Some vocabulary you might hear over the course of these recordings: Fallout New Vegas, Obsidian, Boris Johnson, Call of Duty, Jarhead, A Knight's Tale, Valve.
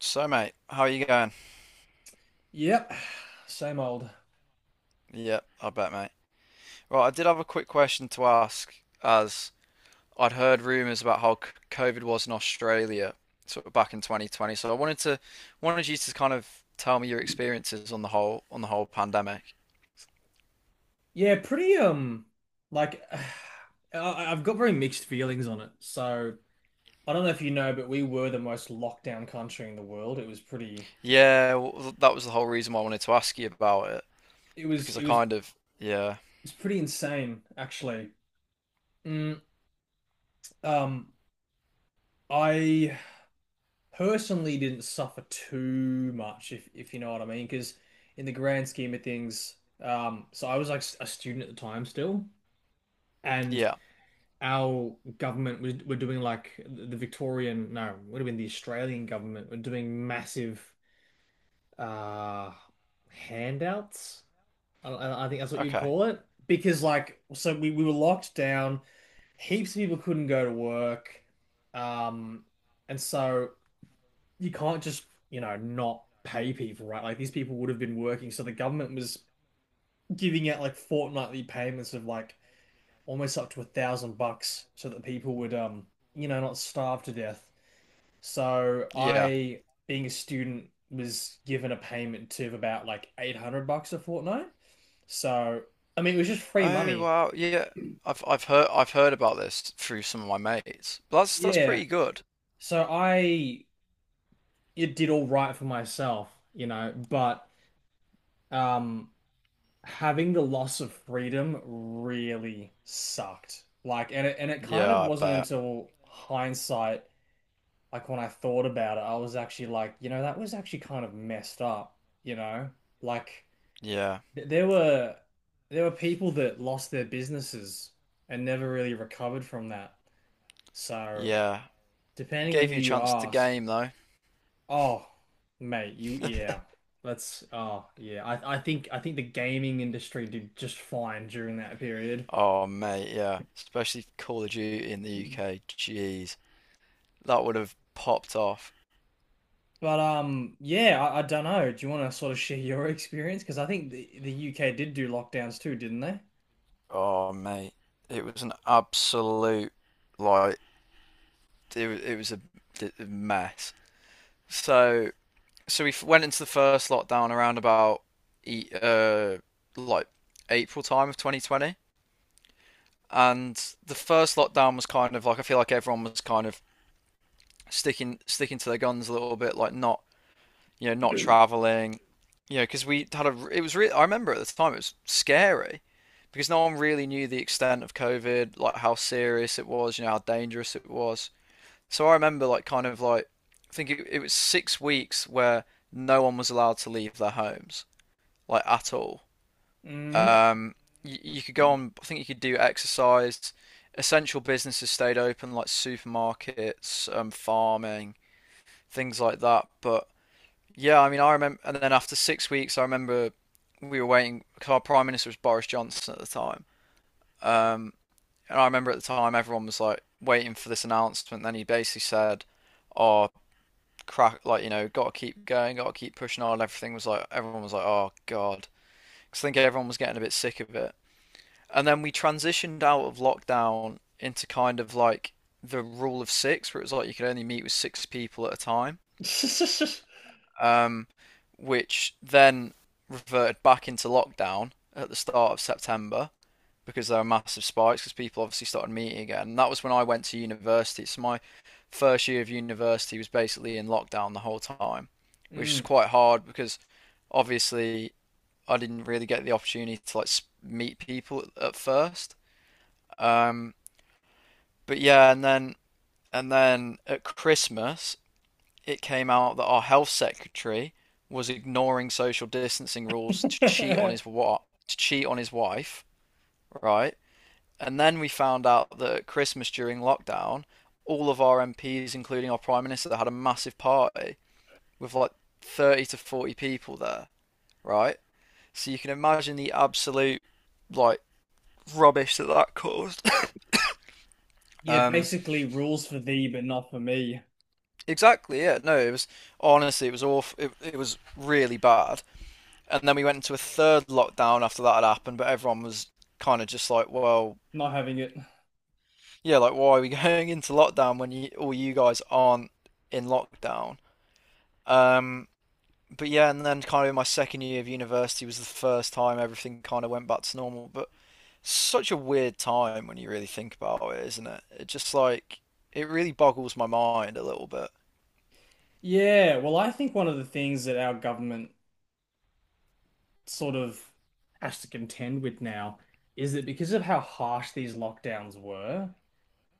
So, mate, how are you going? Yep, same old. Yeah, I bet, mate. Right, I did have a quick question to ask, as I'd heard rumours about how COVID was in Australia, sort of back in 2020. So I wanted you to kind of tell me your experiences on the whole pandemic. Yeah, pretty like I've got very mixed feelings on it. So, I don't know if you know, but we were the most locked down country in the world. It was pretty Yeah, well, that was the whole reason why I wanted to ask you about it it was because I it was It kind of. Yeah. was pretty insane actually. Mm, um I personally didn't suffer too much if you know what I mean because in the grand scheme of things so I was like a student at the time still, and Yeah. our government was were doing like the Victorian, no, would have been the Australian government were doing massive uh handouts. I think that's what you'd Okay. call it. Because like so we were locked down, heaps of people couldn't go to work. Um and so you can't just, not pay people, right? Like these people would have been working, so the government was giving out like fortnightly payments of like almost up to $1,000 so that people would not starve to death. So Yeah. I, being a student, was given a payment of about like $800 a fortnight. So I mean it was just free Oh, money. wow, yeah. I've heard about this through some of my mates. But that's Yeah. pretty good. So I it did all right for myself, you know, but um having the loss of freedom really sucked. Like and it kind Yeah, of I wasn't bet. until hindsight, like when I thought about it, I was actually like, that was actually kind of messed up, you know? Like Yeah. th there were people that lost their businesses and never really recovered from that. So, Yeah. depending on Gave who you a you chance to ask, game though. oh, mate, you yeah. Let's oh, yeah. I think the gaming industry did just fine during that period. Oh mate, yeah. Especially Call of Duty in the UK. Jeez. That would have popped off. But yeah, I don't know. Do you want to sort of share your experience? Because I think the UK did do lockdowns too, didn't they? Oh mate. It was an absolute, like, it was a mess. So so we went into the first lockdown around about e- uh like April time of 2020. And the first lockdown was kind of like, I feel like everyone was kind of sticking to their guns a little bit, like not, you know, not traveling, you know, because we had a, it was really, I remember at the time it was scary because no one really knew the extent of COVID, like how serious it was, you know, how dangerous it was. So I remember, like kind of like, I think it was 6 weeks where no one was allowed to leave their homes, like at all. Mm. Um, you could go on, I think you could do exercise. Essential businesses stayed open, like supermarkets, farming, things like that. But yeah, I mean, I remember, and then after 6 weeks, I remember we were waiting because our prime minister was Boris Johnson at the time. Um, and I remember at the time everyone was like waiting for this announcement. And then he basically said, "Oh, crack! Like, you know, got to keep going, got to keep pushing on." Everything was like, everyone was like, "Oh God," because I think everyone was getting a bit sick of it. And then we transitioned out of lockdown into kind of like the rule of six, where it was like you could only meet with six people at a time. Um, which then reverted back into lockdown at the start of September because there were massive spikes because people obviously started meeting again. And that was when I went to university. So my first year of university was basically in lockdown the whole time, which Mm. is quite hard because obviously I didn't really get the opportunity to like meet people at first. Um, but yeah, and then at Christmas it came out that our health secretary was ignoring social distancing rules to cheat on his to cheat on his wife, right? And then we found out that at Christmas during lockdown, all of our MPs, including our prime minister, had a massive party with like 30 to 40 people there, right? So you can imagine the absolute, like, rubbish that that caused. Yeah, um, basically rules for thee, but not for me. exactly. Yeah. No, it was honestly, it was awful. It was really bad. And then we went into a third lockdown after that had happened, but everyone was kind of just like, well, Not having it. yeah, like why are we going into lockdown when all you guys aren't in lockdown? Um, but yeah, and then kind of in my second year of university was the first time everything kind of went back to normal. But such a weird time when you really think about it, isn't it? It just, like, it really boggles my mind a little bit. Yeah, well, I think one of the things that our government sort of has to contend with now is that because of how harsh these lockdowns were,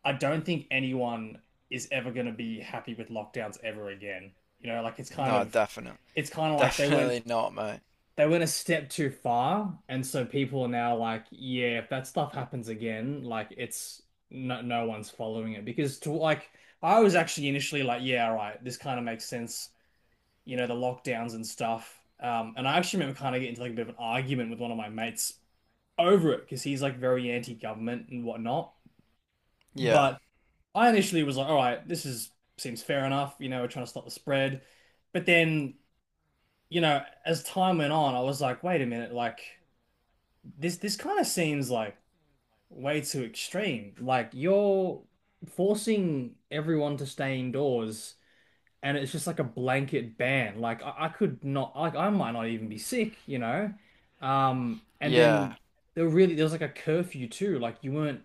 I don't think anyone is ever going to be happy with lockdowns ever again. You know, like it's kind No, of, definitely, it's kind of like they went definitely not, mate. they went a step too far, and so people are now like, yeah, if that stuff happens again, like it's no one's following it because to like I was actually initially like, yeah, all right, this kind of makes sense, you know, the lockdowns and stuff. And I actually remember kind of getting into like a bit of an argument with one of my mates over it because he's like very anti-government and whatnot. Yeah, But I initially was like, all right, this is seems fair enough, you know, we're trying to stop the spread. But then, you know, as time went on, I was like, wait a minute, like this kind of seems like way too extreme. Like you're forcing everyone to stay indoors, and it's just like a blanket ban. Like I could not, like I might not even be sick, you know. And yeah, then there was like a curfew too. Like you weren't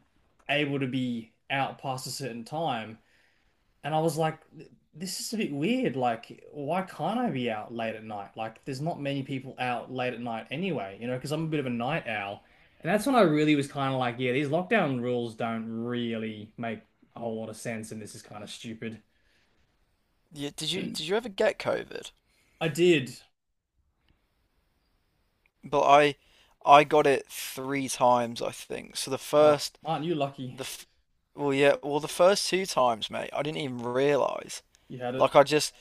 able to be out past a certain time. And I was like, this is a bit weird. Like, why can't I be out late at night? Like, there's not many people out late at night anyway, you know, because I'm a bit of a night owl. And that's when I really was kind of like, yeah, these lockdown rules don't really make a whole lot of sense, and this is kind of stupid. yeah. Did you ever get COVID? I did. But I got it three times, I think. So the Oh, first aren't you lucky? the f- well, yeah, well, the first two times, mate, I didn't even realize. You had it. Like, I just,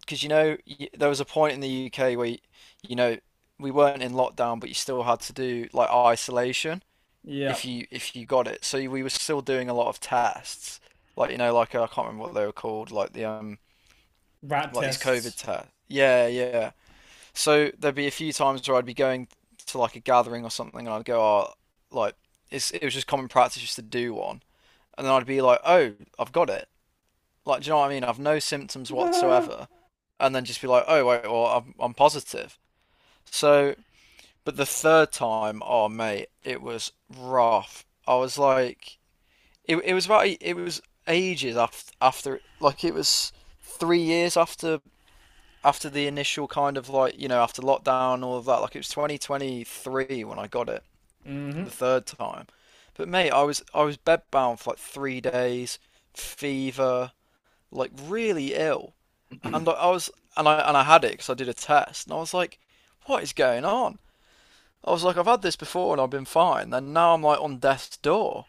because, you know y there was a point in the UK where you know we weren't in lockdown, but you still had to do like isolation Yeah. if you got it. So we were still doing a lot of tests, like, you know, like I can't remember what they were called, like the Rat like these COVID tests. tests. Yeah, yeah. So there'd be a few times where I'd be going to like a gathering or something, and I'd go, "Oh, like it's, it was just common practice just to do one," and then I'd be like, "Oh, I've got it." Like, do you know what I mean? I've no symptoms whatsoever, and then just be like, "Oh, wait, well, I'm positive." So, but the third time, oh mate, it was rough. I was like, it was ages after like it was 3 years after the initial, kind of like, you know, after lockdown, all of that, like it was 2023 when I got it Hmm. the third time. But mate, I was bedbound for like 3 days, fever, like really ill. And I was and I had it because I did a test and I was like, what is going on? I was like, I've had this before and I've been fine, and now I'm like on death's door.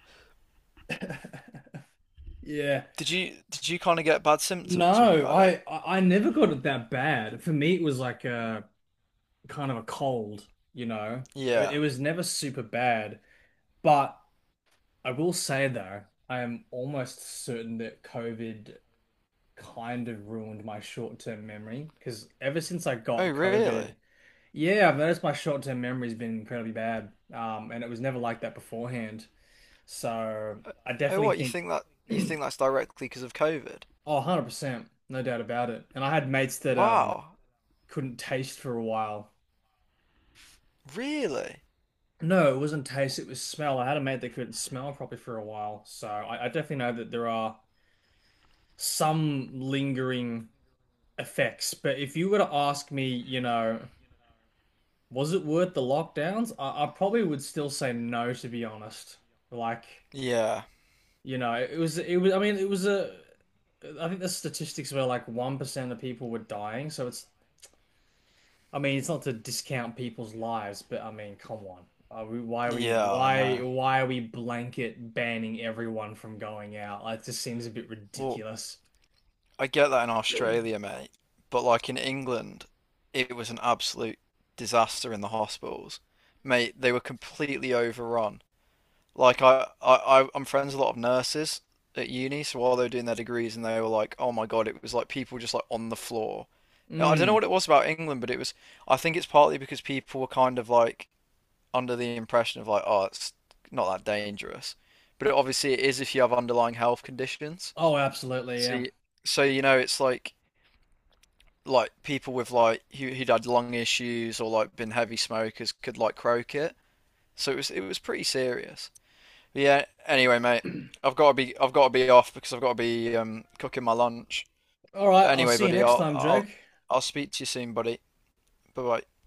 Yeah. Did you kind of get bad symptoms when you No, had it? I never got it that bad. For me, it was like kind of a cold, you know. It, Yeah. it was never super bad, but I will say though, I am almost certain that COVID kind of ruined my short-term memory because ever since I Oh got COVID, really? yeah, I've noticed my short-term memory's been incredibly bad. And it was never like that beforehand. So I Oh, definitely what, think, you think that's directly because of COVID? oh, 100%, no doubt about it. And I had mates that Wow. couldn't taste for a while. Really? No, it wasn't taste, it was smell. I had a mate that couldn't smell properly for a while. So I definitely know that there are some lingering effects. But if you were to ask me, was it worth the lockdowns? I probably would still say no, to be honest. Like, Yeah. you know, it was, I mean, I think the statistics were like 1% of people were dying. So it's I mean, it's not to discount people's lives, but I mean, come on. Why are we Yeah, I why know. why are we blanket banning everyone from going out? Like, it just seems a bit Well, ridiculous. I get that in Australia, mate. But like in England, it was an absolute disaster in the hospitals. Mate, they were completely overrun. Like, I'm friends with a lot of nurses at uni, so while they were doing their degrees and they were like, oh my God, it was like people just like on the floor. I don't know Mm. what it was about England, but it was, I think it's partly because people were kind of like under the impression of like, oh, it's not that dangerous, but obviously it is if you have underlying health conditions. Oh, absolutely, So, yeah. So you know, it's like people with, like, who'd had lung issues or like been heavy smokers could like croak it. So it was pretty serious. But yeah. Anyway, mate, I've got to be off because I've got to be cooking my lunch. All right, But I'll anyway, see you buddy, next time, Jake. I'll speak to you soon, buddy. Bye bye.